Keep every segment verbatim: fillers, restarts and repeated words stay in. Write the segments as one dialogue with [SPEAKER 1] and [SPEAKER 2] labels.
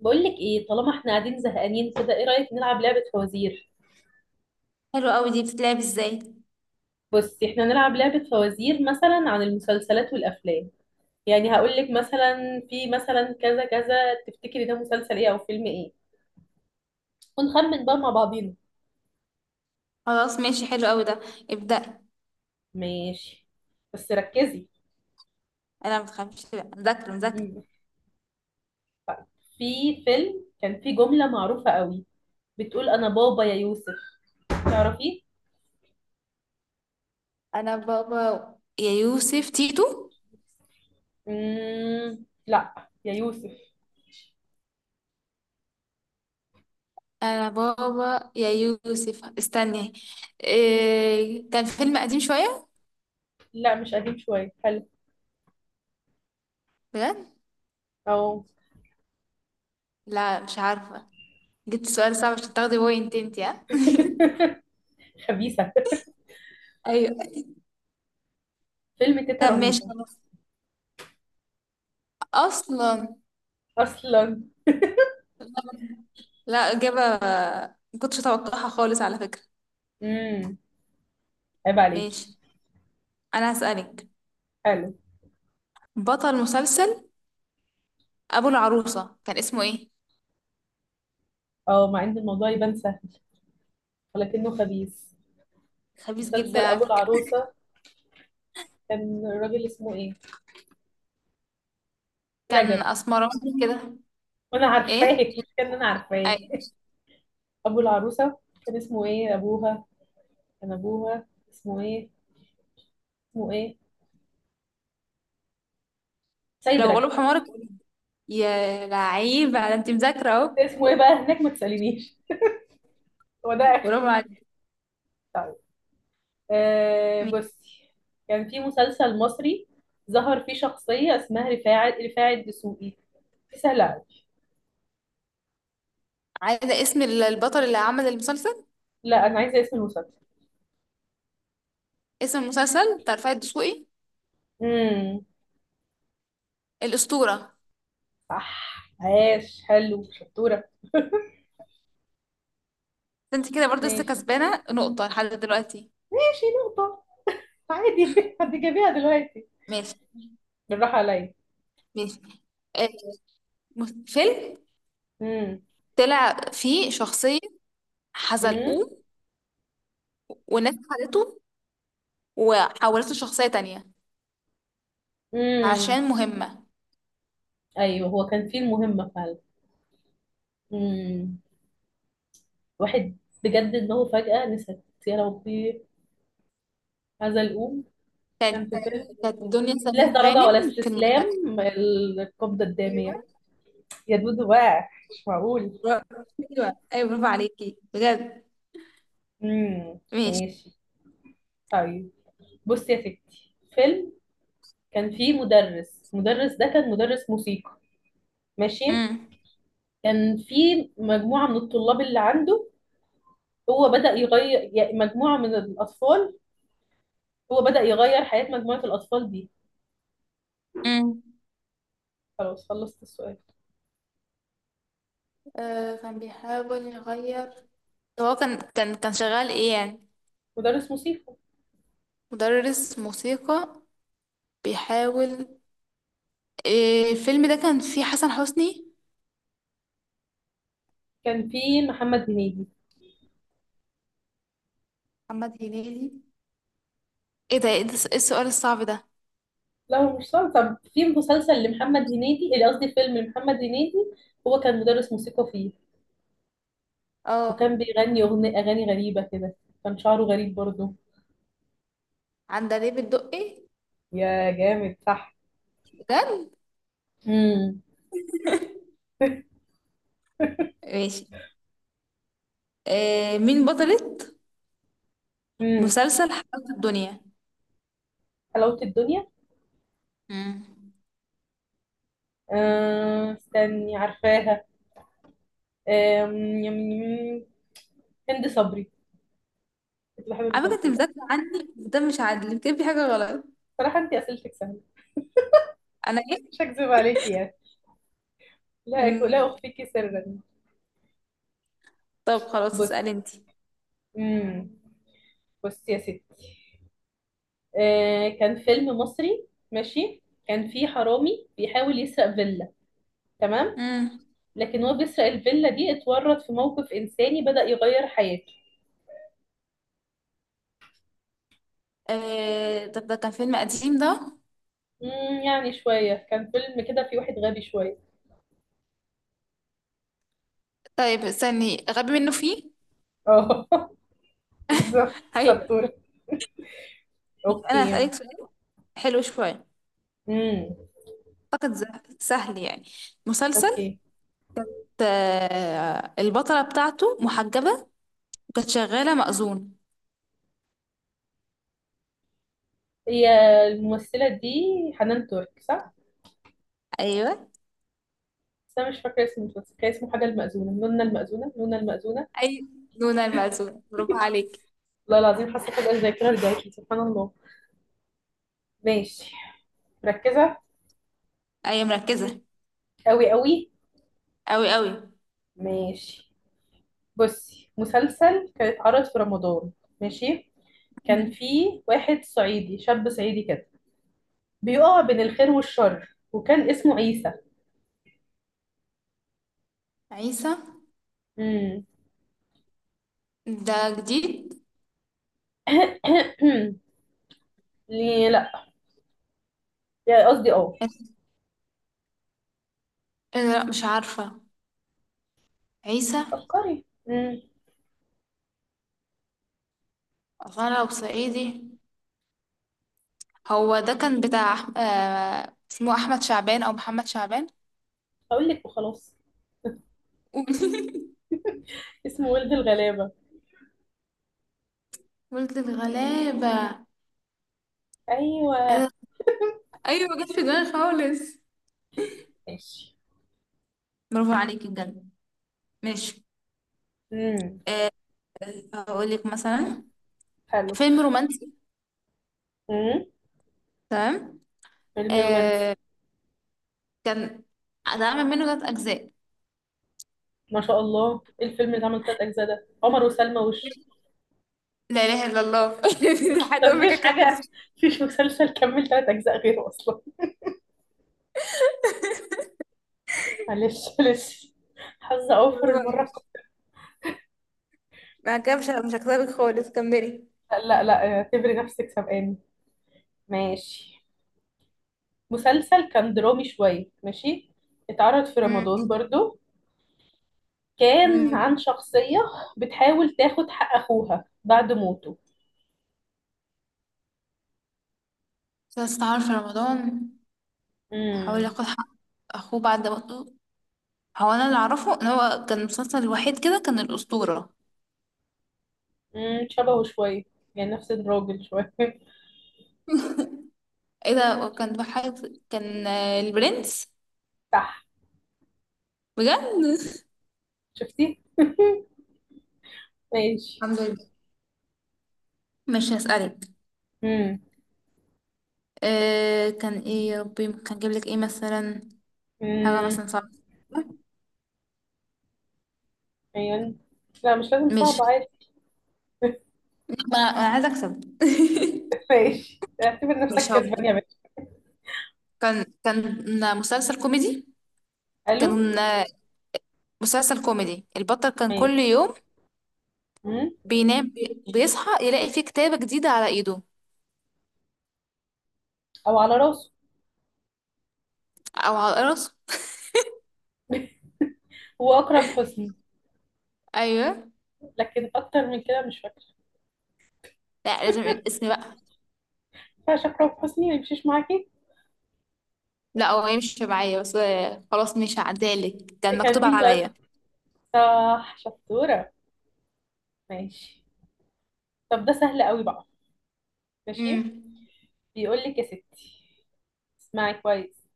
[SPEAKER 1] بقول لك ايه، طالما احنا قاعدين زهقانين كده، ايه رأيك نلعب لعبة فوازير؟
[SPEAKER 2] حلو قوي، دي بتتلعب ازاي؟
[SPEAKER 1] بصي، احنا نلعب لعبة فوازير مثلا عن المسلسلات والافلام. يعني هقول لك مثلا في مثلا كذا كذا، تفتكري ده مسلسل ايه او فيلم ايه؟ ونخمن بقى مع بعضينا.
[SPEAKER 2] خلاص ماشي، حلو قوي ده. ابدأ.
[SPEAKER 1] ماشي. بس ركزي.
[SPEAKER 2] انا متخافش لا، مذاكرة مذاكرة.
[SPEAKER 1] مم. طيب. في فيلم كان فيه جملة معروفة قوي، بتقول: انا بابا يا يوسف. تعرفيه؟
[SPEAKER 2] انا بابا يا يوسف تيتو.
[SPEAKER 1] مم، لا. يا يوسف.
[SPEAKER 2] انا بابا يا يوسف، استني. إيه، كان فيلم قديم شوية.
[SPEAKER 1] لا، مش قديم شوية، حلو.
[SPEAKER 2] بجد؟
[SPEAKER 1] او.
[SPEAKER 2] لا، مش عارفة. جبت سؤال صعب عشان تاخدي بوينت انتي، ها؟
[SPEAKER 1] خبيثة.
[SPEAKER 2] ايوه.
[SPEAKER 1] فيلم تيتا
[SPEAKER 2] طب ماشي
[SPEAKER 1] رهيبة.
[SPEAKER 2] خلاص. اصلا.
[SPEAKER 1] أصلا.
[SPEAKER 2] لا، اجابة ما كنتش اتوقعها خالص على فكرة.
[SPEAKER 1] امم. عيب عليكي.
[SPEAKER 2] ماشي. انا هسألك.
[SPEAKER 1] حلو.
[SPEAKER 2] بطل مسلسل ابو العروسه كان اسمه ايه؟
[SPEAKER 1] اه، مع إن الموضوع يبان سهل، ولكنه خبيث.
[SPEAKER 2] خبيث جدا
[SPEAKER 1] مسلسل
[SPEAKER 2] على
[SPEAKER 1] أبو
[SPEAKER 2] فكرة.
[SPEAKER 1] العروسة، كان الراجل اسمه إيه؟
[SPEAKER 2] كان
[SPEAKER 1] رجب.
[SPEAKER 2] اسمراني كده.
[SPEAKER 1] وأنا عارفاه
[SPEAKER 2] ايه.
[SPEAKER 1] مش كان أنا عارفاه؟
[SPEAKER 2] اي.
[SPEAKER 1] أبو العروسة، كان اسمه إيه أبوها؟ كان أبوها اسمه إيه؟ اسمه إيه؟ سيد
[SPEAKER 2] لو
[SPEAKER 1] رجب.
[SPEAKER 2] غلب حمارك، يا لعيب على، انت مذاكره اهو.
[SPEAKER 1] اسمه إيه بقى هناك؟ ما تسألينيش. هو ده آخر.
[SPEAKER 2] برافو عليك.
[SPEAKER 1] طيب. آه،
[SPEAKER 2] مين؟
[SPEAKER 1] بصي. كان في مسلسل مصري، ظهر فيه شخصية اسمها رفاعي رفاعي الدسوقي. في، سهل أوي.
[SPEAKER 2] عايزه اسم ال- البطل اللي عمل المسلسل.
[SPEAKER 1] لا، انا عايزه اسم المسلسل.
[SPEAKER 2] اسم المسلسل بتاع رفاعي الدسوقي؟
[SPEAKER 1] امم.
[SPEAKER 2] الاسطوره.
[SPEAKER 1] صح. عاش، حلو، شطوره.
[SPEAKER 2] انت كده برضه لسه
[SPEAKER 1] ماشي.
[SPEAKER 2] كسبانه نقطه لحد دلوقتي.
[SPEAKER 1] ماشي، نقطه. عادي، هتجيبيها دلوقتي.
[SPEAKER 2] ماشي.
[SPEAKER 1] بالراحه عليا.
[SPEAKER 2] ماشي. آه، مس- فيلم
[SPEAKER 1] امم.
[SPEAKER 2] طلع فيه شخصيه
[SPEAKER 1] امم.
[SPEAKER 2] حزلقوه، وناس خدته وحولته لشخصيه تانية
[SPEAKER 1] امم.
[SPEAKER 2] عشان مهمه.
[SPEAKER 1] ايوه، هو كان فيه المهمه فعلا. امم. واحد. بجد ان هو فجاه نسيت يا ربي. هذا الأم.
[SPEAKER 2] كانت
[SPEAKER 1] كان في فيلم،
[SPEAKER 2] كانت دنيا سمير
[SPEAKER 1] لا درجة ولا
[SPEAKER 2] غانم في المسلسل.
[SPEAKER 1] استسلام، القبضة الدامية. يا دودو، بقى مش معقول. امم،
[SPEAKER 2] ماشي.
[SPEAKER 1] ماشي. طيب. بصي يا ستي، فيلم. كان في مدرس، المدرس ده كان مدرس موسيقى. ماشي.
[SPEAKER 2] امم.
[SPEAKER 1] كان في مجموعة من الطلاب اللي عنده. هو بدأ يغير، يعني مجموعة من الأطفال، هو بدأ يغير حياة مجموعة الأطفال دي.
[SPEAKER 2] امم.
[SPEAKER 1] خلاص، خلصت السؤال.
[SPEAKER 2] آه، كان بيحاول يغير. هو كان كان كان شغال ايه يعني؟
[SPEAKER 1] مدرس موسيقى.
[SPEAKER 2] مدرس موسيقى. بيحاول. إيه الفيلم ده، كان فيه حسن حسني؟
[SPEAKER 1] كان في محمد هنيدي.
[SPEAKER 2] محمد هنيدي. ايه ده، ايه ده- إيه السؤال الصعب ده؟
[SPEAKER 1] لا، هو مش صار. طب في مسلسل لمحمد هنيدي، اللي قصدي فيلم لمحمد هنيدي. هو كان مدرس موسيقى فيه. وكان
[SPEAKER 2] اه.
[SPEAKER 1] بيغني أغنية أغاني غريبة كده. كان شعره غريب برضه.
[SPEAKER 2] عندليب الدقي.
[SPEAKER 1] يا جامد، صح.
[SPEAKER 2] بجد؟
[SPEAKER 1] امم.
[SPEAKER 2] ماشي. إيه، مين بطلة
[SPEAKER 1] امم.
[SPEAKER 2] مسلسل حياة الدنيا؟
[SPEAKER 1] حلاوة الدنيا.
[SPEAKER 2] امم.
[SPEAKER 1] آه، استني، عارفاها. آه، يم- يم- هند صبري. كنت بحب
[SPEAKER 2] على فكرة انت
[SPEAKER 1] المسلسل ده.
[SPEAKER 2] مذاكرة عني، ده مش عادل، يمكن في حاجة غلط.
[SPEAKER 1] صراحة، انت اسئلتك سهلة.
[SPEAKER 2] انا.
[SPEAKER 1] مش هكذب عليكي يعني. لا، أك- لا
[SPEAKER 2] مم.
[SPEAKER 1] اخفيكي سرا.
[SPEAKER 2] طب خلاص،
[SPEAKER 1] بص.
[SPEAKER 2] اسألي انتي.
[SPEAKER 1] امم. بص يا ستي، آه، كان فيلم مصري، ماشي، كان فيه حرامي بيحاول يسرق فيلا. تمام.
[SPEAKER 2] امم.
[SPEAKER 1] لكن هو بيسرق الفيلا دي، اتورط في موقف انساني، بدأ يغير حياته.
[SPEAKER 2] آه، طب ده كان فيلم قديم ده؟
[SPEAKER 1] امم. يعني شوية، كان فيلم كده فيه واحد غبي شوية.
[SPEAKER 2] طيب استني، غبي منه فيه.
[SPEAKER 1] اه، بالظبط
[SPEAKER 2] هي.
[SPEAKER 1] شطورة.
[SPEAKER 2] انا
[SPEAKER 1] اوكي.
[SPEAKER 2] هسألك سؤال حلو شوية.
[SPEAKER 1] امم.
[SPEAKER 2] اعتقد، ز- سهل يعني. مسلسل.
[SPEAKER 1] اوكي.
[SPEAKER 2] آه، البطلة بتاعته محجبة، وكانت شغالة مأذون.
[SPEAKER 1] هي، الممثلة دي، حنان ترك، صح؟
[SPEAKER 2] ايوه.
[SPEAKER 1] بس انا مش فاكرة اسم المسلسل، كان اسمه حاجة، المأذونة نونا، المأذونة نونا، المأذونة.
[SPEAKER 2] اي. نونا المأذون، برافو عليك.
[SPEAKER 1] والله العظيم، حاسة فجأة الذاكرة رجعت لي، سبحان الله. ماشي. مركزة.
[SPEAKER 2] ايوه، مركزة.
[SPEAKER 1] قوي قوي.
[SPEAKER 2] اوي اوي.
[SPEAKER 1] ماشي. بصي، مسلسل كان اتعرض في رمضان، ماشي. كان فيه واحد صعيدي، شاب صعيدي كده، بيقع بين الخير والشر، وكان اسمه عيسى.
[SPEAKER 2] عيسى.
[SPEAKER 1] امم.
[SPEAKER 2] ده جديد.
[SPEAKER 1] ليه لا؟ يعني قصدي، اه.
[SPEAKER 2] إيه ده؟ لا، مش عارفة. عيسى.
[SPEAKER 1] فكري. امم.
[SPEAKER 2] أصل أنا لو صعيدي. هو ده كان بتاع أح- آه، اسمه احمد شعبان او محمد شعبان.
[SPEAKER 1] هقول لك وخلاص.
[SPEAKER 2] قولي.
[SPEAKER 1] اسمه ولد الغلابة.
[SPEAKER 2] ولد الغلابة.
[SPEAKER 1] ايوه.
[SPEAKER 2] أنا- ايوه، ما جاتش في دماغي خالص.
[SPEAKER 1] ماشي.
[SPEAKER 2] برافو عليكي بجد. ماشي.
[SPEAKER 1] امم.
[SPEAKER 2] أه. هقول لك مثلا.
[SPEAKER 1] حلو.
[SPEAKER 2] فيلم رومانسي.
[SPEAKER 1] امم.
[SPEAKER 2] تمام.
[SPEAKER 1] فيلم
[SPEAKER 2] أه.
[SPEAKER 1] رومانسي.
[SPEAKER 2] كان. اتعمل منه ثلاث اجزاء.
[SPEAKER 1] ما شاء الله، إيه الفيلم اللي عمل تلات اجزاء ده؟ عمر وسلمى وش.
[SPEAKER 2] لا اله الا الله
[SPEAKER 1] اصلا
[SPEAKER 2] حتى امك،
[SPEAKER 1] مفيش
[SPEAKER 2] اكمل.
[SPEAKER 1] حاجة. مفيش مسلسل كمل تلات اجزاء غيره اصلا. معلش معلش. حظ اوفر
[SPEAKER 2] برافو
[SPEAKER 1] المرة
[SPEAKER 2] عليكي.
[SPEAKER 1] القادمة.
[SPEAKER 2] ما كده، مش مش هكسبك خالص، كملي.
[SPEAKER 1] لا لا، آه، اعتبري نفسك سبقاني. ماشي. مسلسل كان درامي شوية، ماشي، اتعرض في
[SPEAKER 2] امم.
[SPEAKER 1] رمضان برضو. كان
[SPEAKER 2] امم.
[SPEAKER 1] عن شخصية بتحاول تاخد حق أخوها بعد موته.
[SPEAKER 2] عارفة، رمضان. حاول
[SPEAKER 1] مم.
[SPEAKER 2] ياخد حق اخوه بعد موته. هو، انا اللي اعرفه ان هو كان المسلسل الوحيد كده، كان الاسطوره.
[SPEAKER 1] امم، شبهه شوية. يعني نفس الراجل شوية.
[SPEAKER 2] ايه ده؟ وكان بحاجة. كان آه، البرنس.
[SPEAKER 1] صح.
[SPEAKER 2] بجد.
[SPEAKER 1] شفتي؟ ماشي.
[SPEAKER 2] الحمد لله. مش هسألك.
[SPEAKER 1] امم.
[SPEAKER 2] أه، كان ايه يا ربي، كان جايب لك ايه مثلا؟ حاجه
[SPEAKER 1] امم.
[SPEAKER 2] مثلا صعبه.
[SPEAKER 1] ايوه. لا، مش لازم صعب،
[SPEAKER 2] مش.
[SPEAKER 1] عادي.
[SPEAKER 2] انا أنا عايزه اكسب.
[SPEAKER 1] ماشي، اعتبر نفسك
[SPEAKER 2] مش هو.
[SPEAKER 1] كسبان يا باشا.
[SPEAKER 2] كان كان مسلسل كوميدي. كان
[SPEAKER 1] الو.
[SPEAKER 2] مسلسل كوميدي، البطل كان
[SPEAKER 1] ماشي.
[SPEAKER 2] كل يوم
[SPEAKER 1] امم.
[SPEAKER 2] بينام، بيصحى يلاقي فيه كتابة جديدة على ايده،
[SPEAKER 1] او على راسه.
[SPEAKER 2] او على راسه.
[SPEAKER 1] هو اكرم حسني.
[SPEAKER 2] ايوه.
[SPEAKER 1] لكن اكتر من كده مش فاكره.
[SPEAKER 2] لا، لازم الاسم بقى.
[SPEAKER 1] فاش اكرم حسني ما يمشيش معاكي.
[SPEAKER 2] لا، هو يمشي معايا بس. خلاص، مش هعدالك، كان
[SPEAKER 1] كان
[SPEAKER 2] مكتوب
[SPEAKER 1] مين بقى؟
[SPEAKER 2] عليا.
[SPEAKER 1] صح، شطوره. ماشي. طب ده سهل قوي بقى. ماشي.
[SPEAKER 2] امم.
[SPEAKER 1] بيقول لك يا ستي، اسمعي كويس.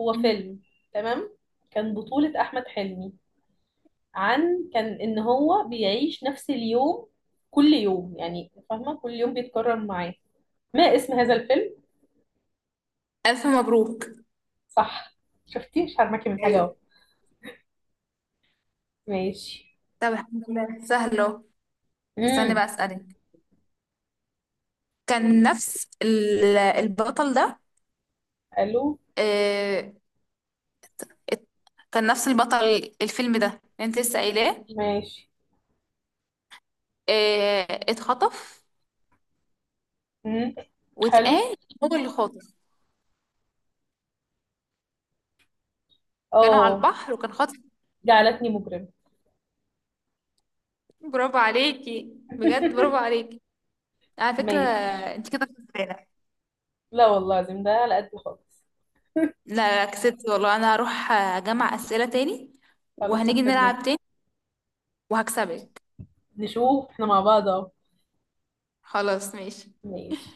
[SPEAKER 1] هو
[SPEAKER 2] مم.
[SPEAKER 1] فيلم، تمام، كان بطولة أحمد حلمي، عن كان ان هو بيعيش نفس اليوم، كل يوم، يعني فاهمه، كل يوم بيتكرر معاه. ما اسم هذا الفيلم؟
[SPEAKER 2] ألف مبروك.
[SPEAKER 1] صح. شفتي؟ مش هرمكي من حاجه اهو.
[SPEAKER 2] ايوه.
[SPEAKER 1] ماشي.
[SPEAKER 2] طب الحمد لله، سهلة. استني
[SPEAKER 1] امم.
[SPEAKER 2] بقى، أسألك. كان نفس ال- البطل ده.
[SPEAKER 1] الو.
[SPEAKER 2] آه، ات- كان نفس البطل الفيلم ده اللي انت لسه قايلاه.
[SPEAKER 1] ماشي.
[SPEAKER 2] آه، اتخطف،
[SPEAKER 1] امم. حلو.
[SPEAKER 2] واتقال. هو اللي خاطف. كانوا على
[SPEAKER 1] اه،
[SPEAKER 2] البحر، وكان خاطف.
[SPEAKER 1] جعلتني مجرم.
[SPEAKER 2] برافو عليكي بجد، برافو عليكي. على فكرة،
[SPEAKER 1] ماشي.
[SPEAKER 2] انت كده كسبانة.
[SPEAKER 1] لا والله العظيم، ده على قد خالص.
[SPEAKER 2] لا، لا، كسبت والله. انا هروح اجمع اسئله تاني،
[SPEAKER 1] خلاص،
[SPEAKER 2] وهنيجي نلعب
[SPEAKER 1] هستناكي.
[SPEAKER 2] تاني، وهكسبك.
[SPEAKER 1] نشوف احنا مع بعض اهو.
[SPEAKER 2] خلاص، ماشي.
[SPEAKER 1] ماشي.